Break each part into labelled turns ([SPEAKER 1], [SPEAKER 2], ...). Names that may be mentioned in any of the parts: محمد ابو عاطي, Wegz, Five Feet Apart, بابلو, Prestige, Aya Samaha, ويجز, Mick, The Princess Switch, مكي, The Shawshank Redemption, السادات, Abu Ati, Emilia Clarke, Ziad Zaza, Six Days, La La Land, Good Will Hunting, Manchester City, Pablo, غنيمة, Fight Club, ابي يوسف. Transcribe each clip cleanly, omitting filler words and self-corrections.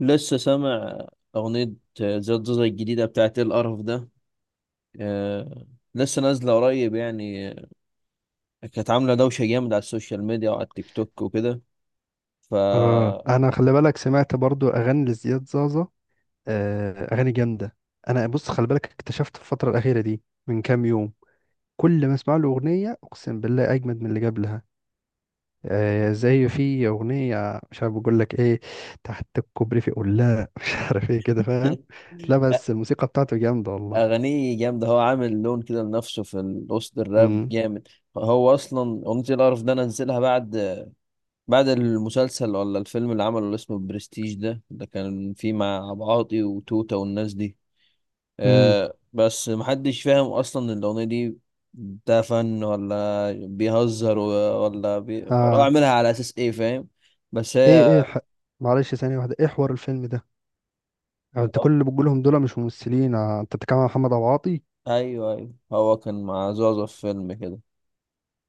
[SPEAKER 1] لسه سامع أغنية زياد زوزة الجديدة بتاعت إيه القرف ده؟ آه، لسه نازلة قريب يعني. آه، كانت عاملة دوشة جامدة على السوشيال ميديا وعلى التيك توك وكده ف
[SPEAKER 2] اه، انا خلي بالك سمعت برضو اغاني لزياد زازا. اغاني جامده. انا بص خلي بالك اكتشفت في الفتره الاخيره دي من كام يوم كل ما اسمع له اغنيه اقسم بالله اجمد من اللي قبلها. زي في اغنيه مش عارف بقول لك ايه، تحت الكوبري في قلاع مش عارف ايه كده فاهم. لا بس الموسيقى بتاعته جامده والله.
[SPEAKER 1] أغانيه جامدة، هو عامل لون كده لنفسه في وسط الراب
[SPEAKER 2] امم
[SPEAKER 1] جامد. هو أصلا أغنية إيه القرف ده نزلها بعد المسلسل ولا الفيلم اللي عمله اللي اسمه برستيج ده كان فيه مع أبو عاطي وتوتة والناس دي.
[SPEAKER 2] امم
[SPEAKER 1] آه بس محدش فاهم اصلا الاغنيه دي. ده فن ولا بيهزر ولا ولا هو
[SPEAKER 2] اه.
[SPEAKER 1] عاملها على اساس ايه، فاهم؟ بس
[SPEAKER 2] ايه
[SPEAKER 1] هي.
[SPEAKER 2] ايه ح... معلش ثانيه واحده، ايه حوار الفيلم ده؟ انت كل اللي بتقولهم دول مش ممثلين؟ انت بتتكلم عن محمد ابو عاطي.
[SPEAKER 1] ايوه ايوه، هو كان مع زوزة في فيلم كده.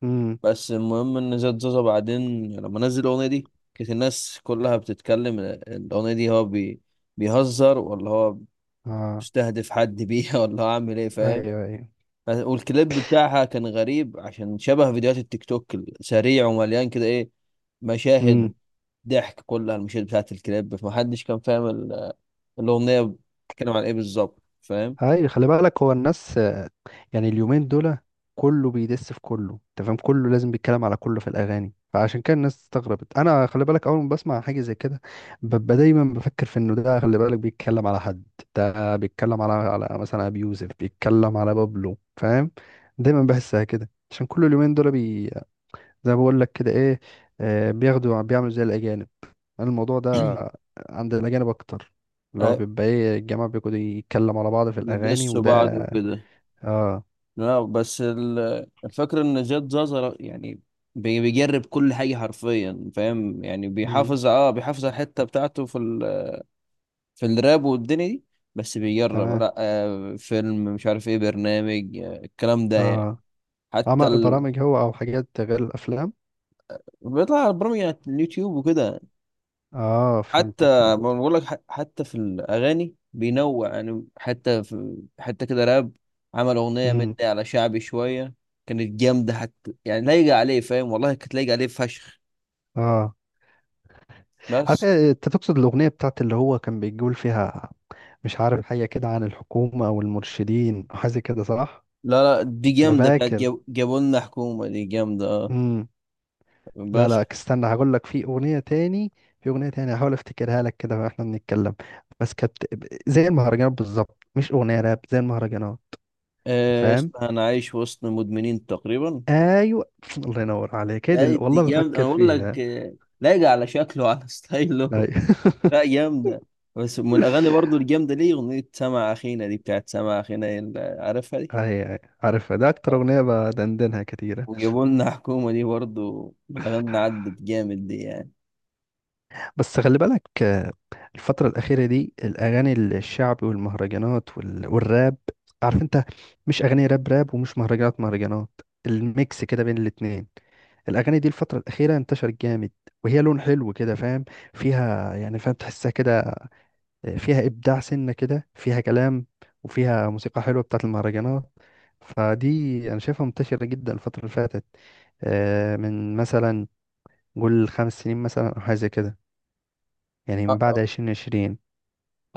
[SPEAKER 2] امم.
[SPEAKER 1] بس المهم ان زاد زوزة بعدين لما نزل الاغنيه دي كانت الناس كلها بتتكلم. الاغنيه دي هو بيهزر ولا هو
[SPEAKER 2] اه.
[SPEAKER 1] بيستهدف حد بيها ولا هو عامل ايه، فاهم؟
[SPEAKER 2] ايوه.
[SPEAKER 1] والكليب بتاعها كان غريب عشان شبه فيديوهات التيك توك، سريع ومليان كده ايه، مشاهد
[SPEAKER 2] امم.
[SPEAKER 1] ضحك كلها المشاهد بتاعت الكليب. فمحدش كان فاهم الأغنية بتتكلم عن ايه بالظبط، فاهم؟
[SPEAKER 2] ايوه خلي بالك هو الناس، يعني اليومين دول كله بيدس في كله، انت فاهم، كله لازم بيتكلم على كله في الاغاني، فعشان كده الناس استغربت. انا خلي بالك اول ما بسمع حاجه زي كده ببقى دايما بفكر في انه ده خلي بالك بيتكلم على حد، ده بيتكلم على مثلا ابي يوسف بيتكلم على بابلو، فاهم. دايما بحسها كده عشان كل اليومين دول بي، زي ما بقول لك كده ايه، بياخدوا بيعملوا زي الاجانب. أنا الموضوع ده عند الأجانب أكتر، اللي هو
[SPEAKER 1] آه،
[SPEAKER 2] بيبقى إيه الجماعة بيقعدوا يتكلم على بعض في الأغاني
[SPEAKER 1] بيدسوا
[SPEAKER 2] وده.
[SPEAKER 1] بعض وكده.
[SPEAKER 2] آه.
[SPEAKER 1] لا، بس الفكرة ان زياد زازا يعني بيجرب كل حاجة حرفيا، فاهم؟ يعني
[SPEAKER 2] مم.
[SPEAKER 1] بيحافظ على الحتة بتاعته في في الراب والدنيا دي. بس بيجرب
[SPEAKER 2] تمام.
[SPEAKER 1] لا آه فيلم، مش عارف ايه، برنامج آه الكلام ده يعني.
[SPEAKER 2] آه.
[SPEAKER 1] حتى
[SPEAKER 2] عمل برامج هو أو حاجات غير الأفلام؟
[SPEAKER 1] بيطلع برامج على اليوتيوب وكده.
[SPEAKER 2] آه
[SPEAKER 1] حتى
[SPEAKER 2] فهمتك،
[SPEAKER 1] ما
[SPEAKER 2] فهمت.
[SPEAKER 1] بقول لك، حتى في الاغاني بينوع، يعني حتى في حتى كده راب عمل اغنيه مني
[SPEAKER 2] مم.
[SPEAKER 1] على شعبي شويه. كانت جامده، حتى يعني لايقه عليه، فاهم؟ والله كانت لايقه عليه فشخ.
[SPEAKER 2] آه. عارف
[SPEAKER 1] بس
[SPEAKER 2] إيه، أنت تقصد الأغنية بتاعت اللي هو كان بيقول فيها مش عارف حاجة كده عن الحكومة أو المرشدين أو حاجة كده، صح؟
[SPEAKER 1] لا لا، دي
[SPEAKER 2] أنا
[SPEAKER 1] جامده بتاعت
[SPEAKER 2] فاكر.
[SPEAKER 1] جابوا لنا حكومه، دي جامده اه.
[SPEAKER 2] مم. لا
[SPEAKER 1] بس
[SPEAKER 2] لا استنى هقول لك، في اغنيه تاني، في اغنيه تاني هحاول افتكرها لك كده واحنا بنتكلم. بس كانت زي المهرجانات بالظبط، مش اغنيه راب، زي المهرجانات.
[SPEAKER 1] آه
[SPEAKER 2] فاهم.
[SPEAKER 1] اسمها انا عايش وسط مدمنين تقريبا.
[SPEAKER 2] ايوه الله ينور عليك، هي دي
[SPEAKER 1] يعني دي
[SPEAKER 2] والله
[SPEAKER 1] جامده،
[SPEAKER 2] بفكر
[SPEAKER 1] انا بقول
[SPEAKER 2] فيها.
[SPEAKER 1] لك آه، لايقه على شكله على
[SPEAKER 2] اي
[SPEAKER 1] ستايله. لا، جامدة. بس من الأغاني برضو الجامدة ليه أغنية سمع أخينا دي، بتاعت سمع أخينا اللي عارفها دي.
[SPEAKER 2] اي، عارفها، ده اكتر
[SPEAKER 1] آه.
[SPEAKER 2] اغنيه بدندنها كتير.
[SPEAKER 1] وجابوا لنا حكومة دي برضو من الأغاني اللي عدت جامد دي يعني.
[SPEAKER 2] بس خلي بالك، الفترة الأخيرة دي الأغاني الشعبي والمهرجانات والراب، عارف أنت، مش أغاني راب راب ومش مهرجانات مهرجانات، الميكس كده بين الاتنين. الأغاني دي الفترة الأخيرة انتشرت جامد، وهي لون حلو كده فاهم، فيها يعني فاهم تحسها كده، فيها إبداع سنة كده، فيها كلام، وفيها موسيقى حلوة بتاعت المهرجانات. فدي أنا شايفها منتشرة جدا الفترة اللي فاتت، من مثلا قول 5 سنين مثلا أو حاجة زي كده، يعني من
[SPEAKER 1] آه، آه.
[SPEAKER 2] بعد 2020.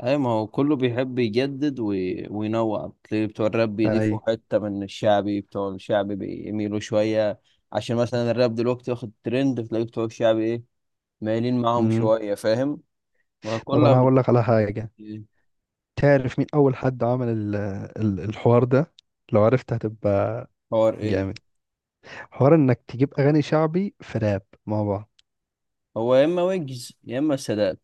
[SPEAKER 1] أي ما هو كله بيحب يجدد وينوع. تلاقي بتوع الراب
[SPEAKER 2] اي.
[SPEAKER 1] بيضيفوا حتة من الشعبي، بتوع الشعبي بيميلوا شوية. عشان مثلا الراب دلوقتي واخد ترند، تلاقي بتوع الشعبي إيه، مايلين معاهم
[SPEAKER 2] مم.
[SPEAKER 1] شوية، فاهم؟
[SPEAKER 2] طب
[SPEAKER 1] وكلها
[SPEAKER 2] انا هقول لك على حاجة، تعرف مين اول حد عمل الحوار ده؟ لو عرفت هتبقى
[SPEAKER 1] حوار إيه؟
[SPEAKER 2] جامد. حوار انك تجيب اغاني شعبي في راب مع بعض.
[SPEAKER 1] هو يا إما ويجز يا إما السادات.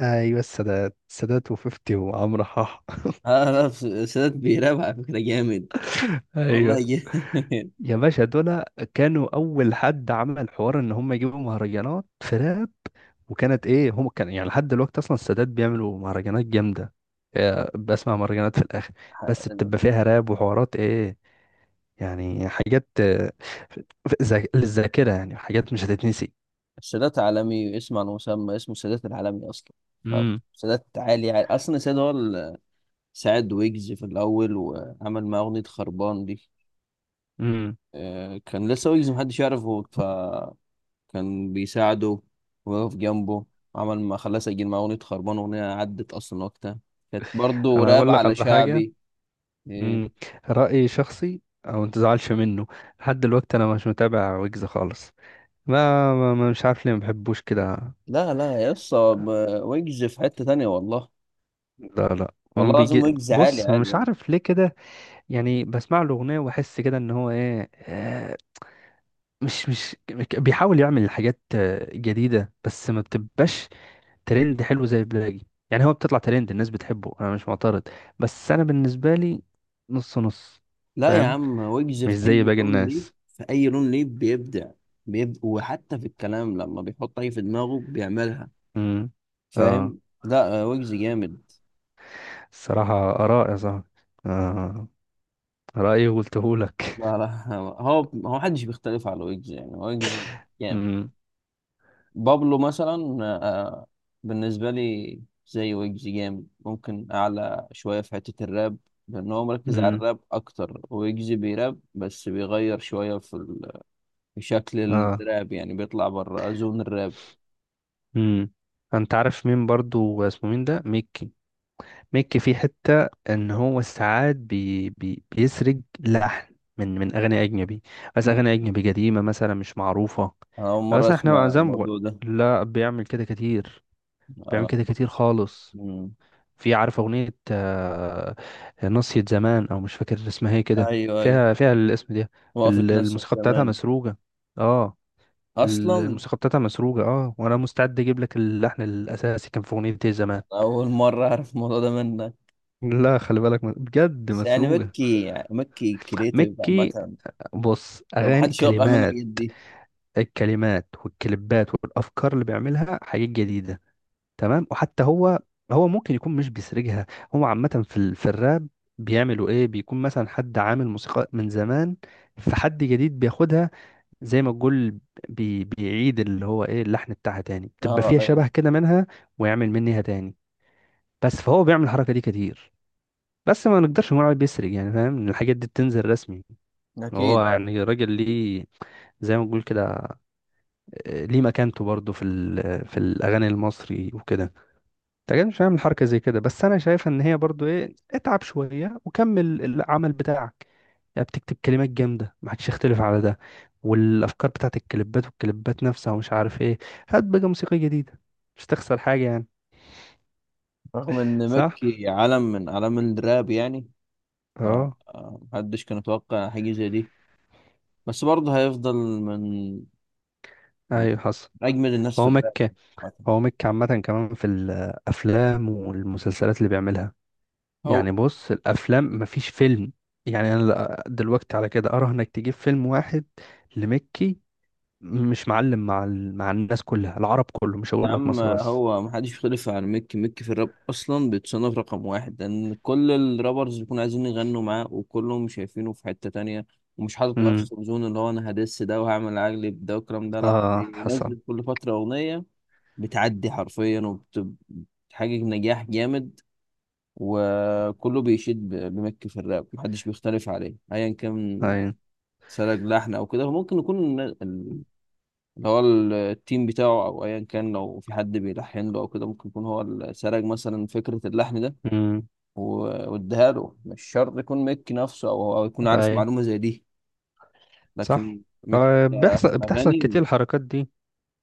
[SPEAKER 2] ايوه السادات وفيفتي وعمرو حاح.
[SPEAKER 1] اه لا، السادات بيراب على فكرة جامد،
[SPEAKER 2] ايوه.
[SPEAKER 1] والله جامد
[SPEAKER 2] يا باشا دول كانوا اول حد عمل حوار ان هم يجيبوا مهرجانات في راب، وكانت ايه، هم كان يعني لحد دلوقتي اصلا السادات بيعملوا مهرجانات جامده. بسمع مهرجانات في الاخر بس بتبقى فيها راب وحوارات ايه، يعني حاجات للذاكرة، يعني حاجات مش هتتنسي.
[SPEAKER 1] السادات عالمي، اسم على مسمى، اسمه السادات العالمي اصلا. ف-
[SPEAKER 2] امم
[SPEAKER 1] سادات عالي, عالي اصلا. السادات هو اللي ساعد ويجز في الاول وعمل معاه اغنية خربان دي.
[SPEAKER 2] امم
[SPEAKER 1] آه، كان لسه ويجز محدش يعرفه، فكان بيساعده ويقف جنبه. عمل ما خلاه سجل معاه اغنية خربان، اغنية عدت اصلا وقتها، كانت برضه
[SPEAKER 2] انا
[SPEAKER 1] راب
[SPEAKER 2] اقول لك
[SPEAKER 1] على
[SPEAKER 2] على حاجه.
[SPEAKER 1] شعبي. إيه.
[SPEAKER 2] امم. رايي شخصي او ما تزعلش منه، لحد دلوقتي انا مش متابع ويجز خالص. مش عارف ليه ما بحبوش كده.
[SPEAKER 1] لا لا يا اسطى، ويجز في حتة تانية والله.
[SPEAKER 2] لا
[SPEAKER 1] والله
[SPEAKER 2] ما
[SPEAKER 1] العظيم
[SPEAKER 2] بيجي.
[SPEAKER 1] ويجز عالي
[SPEAKER 2] بص
[SPEAKER 1] عالي
[SPEAKER 2] مش
[SPEAKER 1] يعني.
[SPEAKER 2] عارف ليه كده، يعني بسمع له اغنيه واحس كده ان هو ايه، مش بيحاول يعمل حاجات جديده بس ما بتبقاش ترند حلو زي البلاجي، يعني هو بتطلع ترند الناس بتحبه انا مش معترض، بس انا بالنسبه لي نص نص.
[SPEAKER 1] لا يا
[SPEAKER 2] فاهم.
[SPEAKER 1] عم، ويجز
[SPEAKER 2] مش
[SPEAKER 1] في
[SPEAKER 2] زي
[SPEAKER 1] اي
[SPEAKER 2] باقي
[SPEAKER 1] لون ليه،
[SPEAKER 2] الناس.
[SPEAKER 1] في اي لون ليه بيبدع. بيبدع وحتى في الكلام لما بيحط اي في دماغه بيعملها،
[SPEAKER 2] امم. اه.
[SPEAKER 1] فاهم؟ لا آه، ويجز جامد.
[SPEAKER 2] الصراحه اراء يا صاحبي. اه. رايي وقلته لك.
[SPEAKER 1] لا لا هو محدش بيختلف على ويجز يعني، ويجز جامد.
[SPEAKER 2] امم
[SPEAKER 1] بابلو مثلا آه، بالنسبة لي زي ويجز جامد، ممكن اعلى شوية في حتة الراب لان هو مركز على
[SPEAKER 2] امم
[SPEAKER 1] الراب اكتر. ويجز بيراب بس بيغير شوية في شكل
[SPEAKER 2] اه.
[SPEAKER 1] الراب يعني، بيطلع بره زون الراب.
[SPEAKER 2] امم. انت عارف مين برضو اسمه مين ده، ميك، ميكي، في حتة ان هو ساعات بي بي بيسرق لحن من اغاني اجنبي، بس اغاني اجنبي قديمة مثلا مش معروفة.
[SPEAKER 1] أنا أول مرة
[SPEAKER 2] بس احنا
[SPEAKER 1] أسمع
[SPEAKER 2] زي ما بقول،
[SPEAKER 1] الموضوع ده.
[SPEAKER 2] لا بيعمل كده كتير،
[SPEAKER 1] أنا أول
[SPEAKER 2] بيعمل كده
[SPEAKER 1] مرة
[SPEAKER 2] كتير
[SPEAKER 1] أسمع.
[SPEAKER 2] خالص.
[SPEAKER 1] مم.
[SPEAKER 2] في عارف اغنية ناصية زمان او مش فاكر اسمها ايه كده،
[SPEAKER 1] أيوه أيوه،
[SPEAKER 2] فيها الاسم ده.
[SPEAKER 1] وقفت نفسك
[SPEAKER 2] الموسيقى بتاعتها
[SPEAKER 1] زمان.
[SPEAKER 2] مسروقة. اه.
[SPEAKER 1] أصلا
[SPEAKER 2] الموسيقى بتاعتها مسروقة، اه، وانا مستعد اجيب لك اللحن الاساسي كان في اغنية إيه زمان.
[SPEAKER 1] أول مرة أعرف الموضوع ده منك.
[SPEAKER 2] لا خلي بالك بجد
[SPEAKER 1] بس يعني
[SPEAKER 2] مسروقة.
[SPEAKER 1] مكي، يعني مكي كريتيف
[SPEAKER 2] مكي
[SPEAKER 1] عامة،
[SPEAKER 2] بص، اغاني
[SPEAKER 1] فمحدش يوقع منه
[SPEAKER 2] كلمات،
[SPEAKER 1] الحاجات دي.
[SPEAKER 2] الكلمات والكليبات والافكار اللي بيعملها حاجات جديده، تمام، وحتى هو، هو ممكن يكون مش بيسرجها. هو عامه في ال... في الراب بيعملوا ايه، بيكون مثلا حد عامل موسيقى من زمان، فحد جديد بياخدها، زي ما تقول بيعيد اللي هو ايه اللحن بتاعها تاني، بتبقى
[SPEAKER 1] أه
[SPEAKER 2] فيها
[SPEAKER 1] أيوه.
[SPEAKER 2] شبه كده منها، ويعمل منها تاني. بس فهو بيعمل الحركه دي كتير، بس ما نقدرش نقول عليه بيسرق يعني، فاهم، إن الحاجات دي بتنزل رسمي. هو
[SPEAKER 1] أكيد.
[SPEAKER 2] يعني راجل ليه، زي ما بنقول كده، ليه مكانته برضه في في الاغاني المصري وكده. انت أكيد مش هعمل حركه زي كده، بس انا شايف ان هي برضه ايه، اتعب شويه وكمل العمل بتاعك، يعني بتكتب كلمات جامده ما حدش يختلف على ده، والافكار بتاعت الكليبات والكليبات نفسها ومش عارف ايه، هات بقى موسيقى جديده، مش تخسر حاجه يعني.
[SPEAKER 1] رغم إن
[SPEAKER 2] صح.
[SPEAKER 1] مكي عالم من أعلام الراب يعني،
[SPEAKER 2] اه.
[SPEAKER 1] فمحدش كان يتوقع حاجة زي دي. بس برضه هيفضل من من
[SPEAKER 2] ايوه حصل.
[SPEAKER 1] أجمد الناس في
[SPEAKER 2] هو
[SPEAKER 1] الراب
[SPEAKER 2] مكة،
[SPEAKER 1] يعني، عامة.
[SPEAKER 2] هو مكة عامة كمان في الأفلام والمسلسلات اللي بيعملها،
[SPEAKER 1] هو
[SPEAKER 2] يعني بص الافلام مفيش فيلم، يعني انا دلوقتي على كده اراهنك انك تجيب فيلم واحد لمكي مش معلم مع ال... مع الناس كلها، العرب كله، مش
[SPEAKER 1] يا
[SPEAKER 2] هقول لك
[SPEAKER 1] عم،
[SPEAKER 2] مصر بس.
[SPEAKER 1] هو محدش يختلف عن ميك. ميك في الراب اصلا بيتصنف رقم واحد لان كل الرابرز بيكونوا عايزين يغنوا معاه، وكلهم شايفينه في حتة تانية. ومش حاطط
[SPEAKER 2] امم.
[SPEAKER 1] نفسه في زون اللي هو انا هدس ده وهعمل اجلب ده والكلام ده. لا
[SPEAKER 2] اه حسن.
[SPEAKER 1] بينزل كل فترة اغنية بتعدي حرفيا، وبتحقق نجاح جامد. وكله بيشيد بميك في الراب، محدش بيختلف عليه ايا كان.
[SPEAKER 2] اي.
[SPEAKER 1] سلك لحن او كده، ممكن يكون اللي هو التيم بتاعه، او ايا كان لو في حد بيلحن له او كده، ممكن يكون هو اللي سرق مثلا فكره اللحن ده
[SPEAKER 2] امم.
[SPEAKER 1] واداها له. مش شرط يكون ميك نفسه، او يكون عارف
[SPEAKER 2] اي.
[SPEAKER 1] معلومه زي دي. لكن
[SPEAKER 2] صح.
[SPEAKER 1] ميك
[SPEAKER 2] آه
[SPEAKER 1] في
[SPEAKER 2] بيحصل، بتحصل
[SPEAKER 1] الاغاني
[SPEAKER 2] كتير الحركات دي،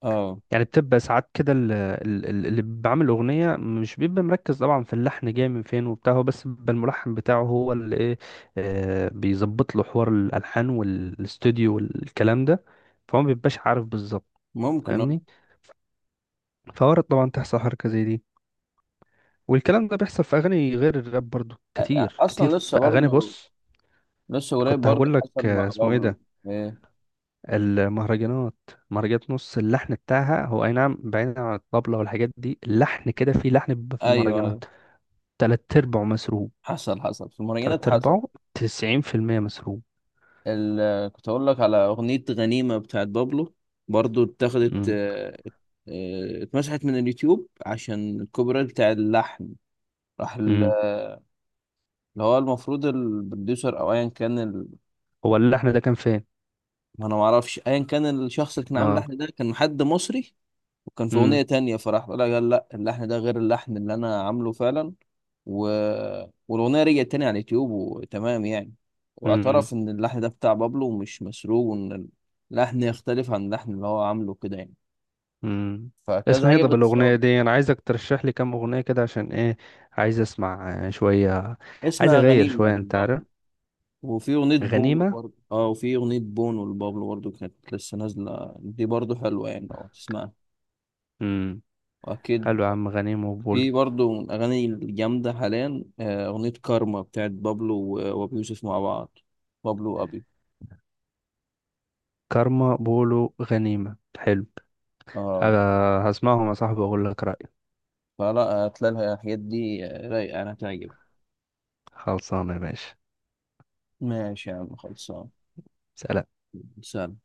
[SPEAKER 1] اه
[SPEAKER 2] يعني بتبقى ساعات كده اللي بعمل اغنيه مش بيبقى مركز طبعا في اللحن جاي من فين وبتاع، هو بس بيبقى الملحن بتاعه هو اللي ايه، بيظبط له حوار الالحان والاستوديو والكلام ده، فهو ما بيبقاش عارف بالظبط.
[SPEAKER 1] ممكن.
[SPEAKER 2] فاهمني. فورد طبعا تحصل حركه زي دي، والكلام ده بيحصل في اغاني غير الراب برضو
[SPEAKER 1] آه.
[SPEAKER 2] كتير كتير،
[SPEAKER 1] اصلا لسه
[SPEAKER 2] في اغاني
[SPEAKER 1] برضه،
[SPEAKER 2] بص.
[SPEAKER 1] لسه قريب
[SPEAKER 2] كنت
[SPEAKER 1] برضه
[SPEAKER 2] هقول لك
[SPEAKER 1] حصل مع
[SPEAKER 2] اسمه ايه
[SPEAKER 1] بابلو.
[SPEAKER 2] ده،
[SPEAKER 1] إيه.
[SPEAKER 2] المهرجانات، مهرجانات نص اللحن بتاعها هو اي نعم بعيدا عن الطبلة والحاجات دي، اللحن كده، في لحن بيبقى في
[SPEAKER 1] ايوه ايوه،
[SPEAKER 2] المهرجانات تلات ارباعه مسروق،
[SPEAKER 1] حصل حصل في المراجعات،
[SPEAKER 2] تلات
[SPEAKER 1] حصل.
[SPEAKER 2] ارباعه، 90% مسروق.
[SPEAKER 1] كنت اقول لك على اغنيه غنيمه بتاعت بابلو، برضو اتاخدت
[SPEAKER 2] مم.
[SPEAKER 1] آه، آه، اتمسحت من اليوتيوب عشان الكوبي رايت بتاع اللحن. راح
[SPEAKER 2] مم.
[SPEAKER 1] اللي هو المفروض البروديوسر او ايا كان
[SPEAKER 2] هو اللحن ده كان فين؟
[SPEAKER 1] ما انا ما اعرفش، ايا كان الشخص اللي كان عامل
[SPEAKER 2] اه.
[SPEAKER 1] اللحن ده كان حد مصري، وكان في أغنية
[SPEAKER 2] مم.
[SPEAKER 1] تانية، فراح قال لا لا، اللحن ده غير اللحن اللي أنا عامله فعلا. و... والأغنية رجعت تاني على اليوتيوب وتمام يعني.
[SPEAKER 2] مم.
[SPEAKER 1] واعترف إن اللحن ده بتاع بابلو ومش مسروق، وإن اللحن يختلف عن اللحن اللي هو عامله كده يعني.
[SPEAKER 2] مم.
[SPEAKER 1] فكذا
[SPEAKER 2] اسمها ايه
[SPEAKER 1] حاجة
[SPEAKER 2] طب الاغنية
[SPEAKER 1] بتصادم.
[SPEAKER 2] دي؟ انا عايزك ترشح لي كام اغنية كده عشان ايه، عايز اسمع شوية، عايز
[SPEAKER 1] اسمها
[SPEAKER 2] اغير
[SPEAKER 1] غنيمة
[SPEAKER 2] شوية انت عارف.
[SPEAKER 1] لبابلو. وفي أغنية بونو
[SPEAKER 2] غنيمة.
[SPEAKER 1] برضه وفي أغنية بونو لبابلو برضه، كانت لسه نازلة دي، برضه حلوة يعني لو تسمعها.
[SPEAKER 2] مم.
[SPEAKER 1] وأكيد
[SPEAKER 2] حلو يا عم، غنيمة وبولو.
[SPEAKER 1] في برضه من الأغاني الجامدة حاليا آه، أغنية كارما بتاعت بابلو وأبي يوسف مع بعض. بابلو وأبي.
[SPEAKER 2] كارما، بولو، غنيمة، حلو.
[SPEAKER 1] اه،
[SPEAKER 2] هسمعهم يا صاحبي واقول لك رأيي.
[SPEAKER 1] فلا، هتلاقي الحاجات دي آه، رايقة، أنا هتعجب.
[SPEAKER 2] خلصانه يا باشا.
[SPEAKER 1] ماشي يا عم، خلصان.
[SPEAKER 2] سلام.
[SPEAKER 1] سلام.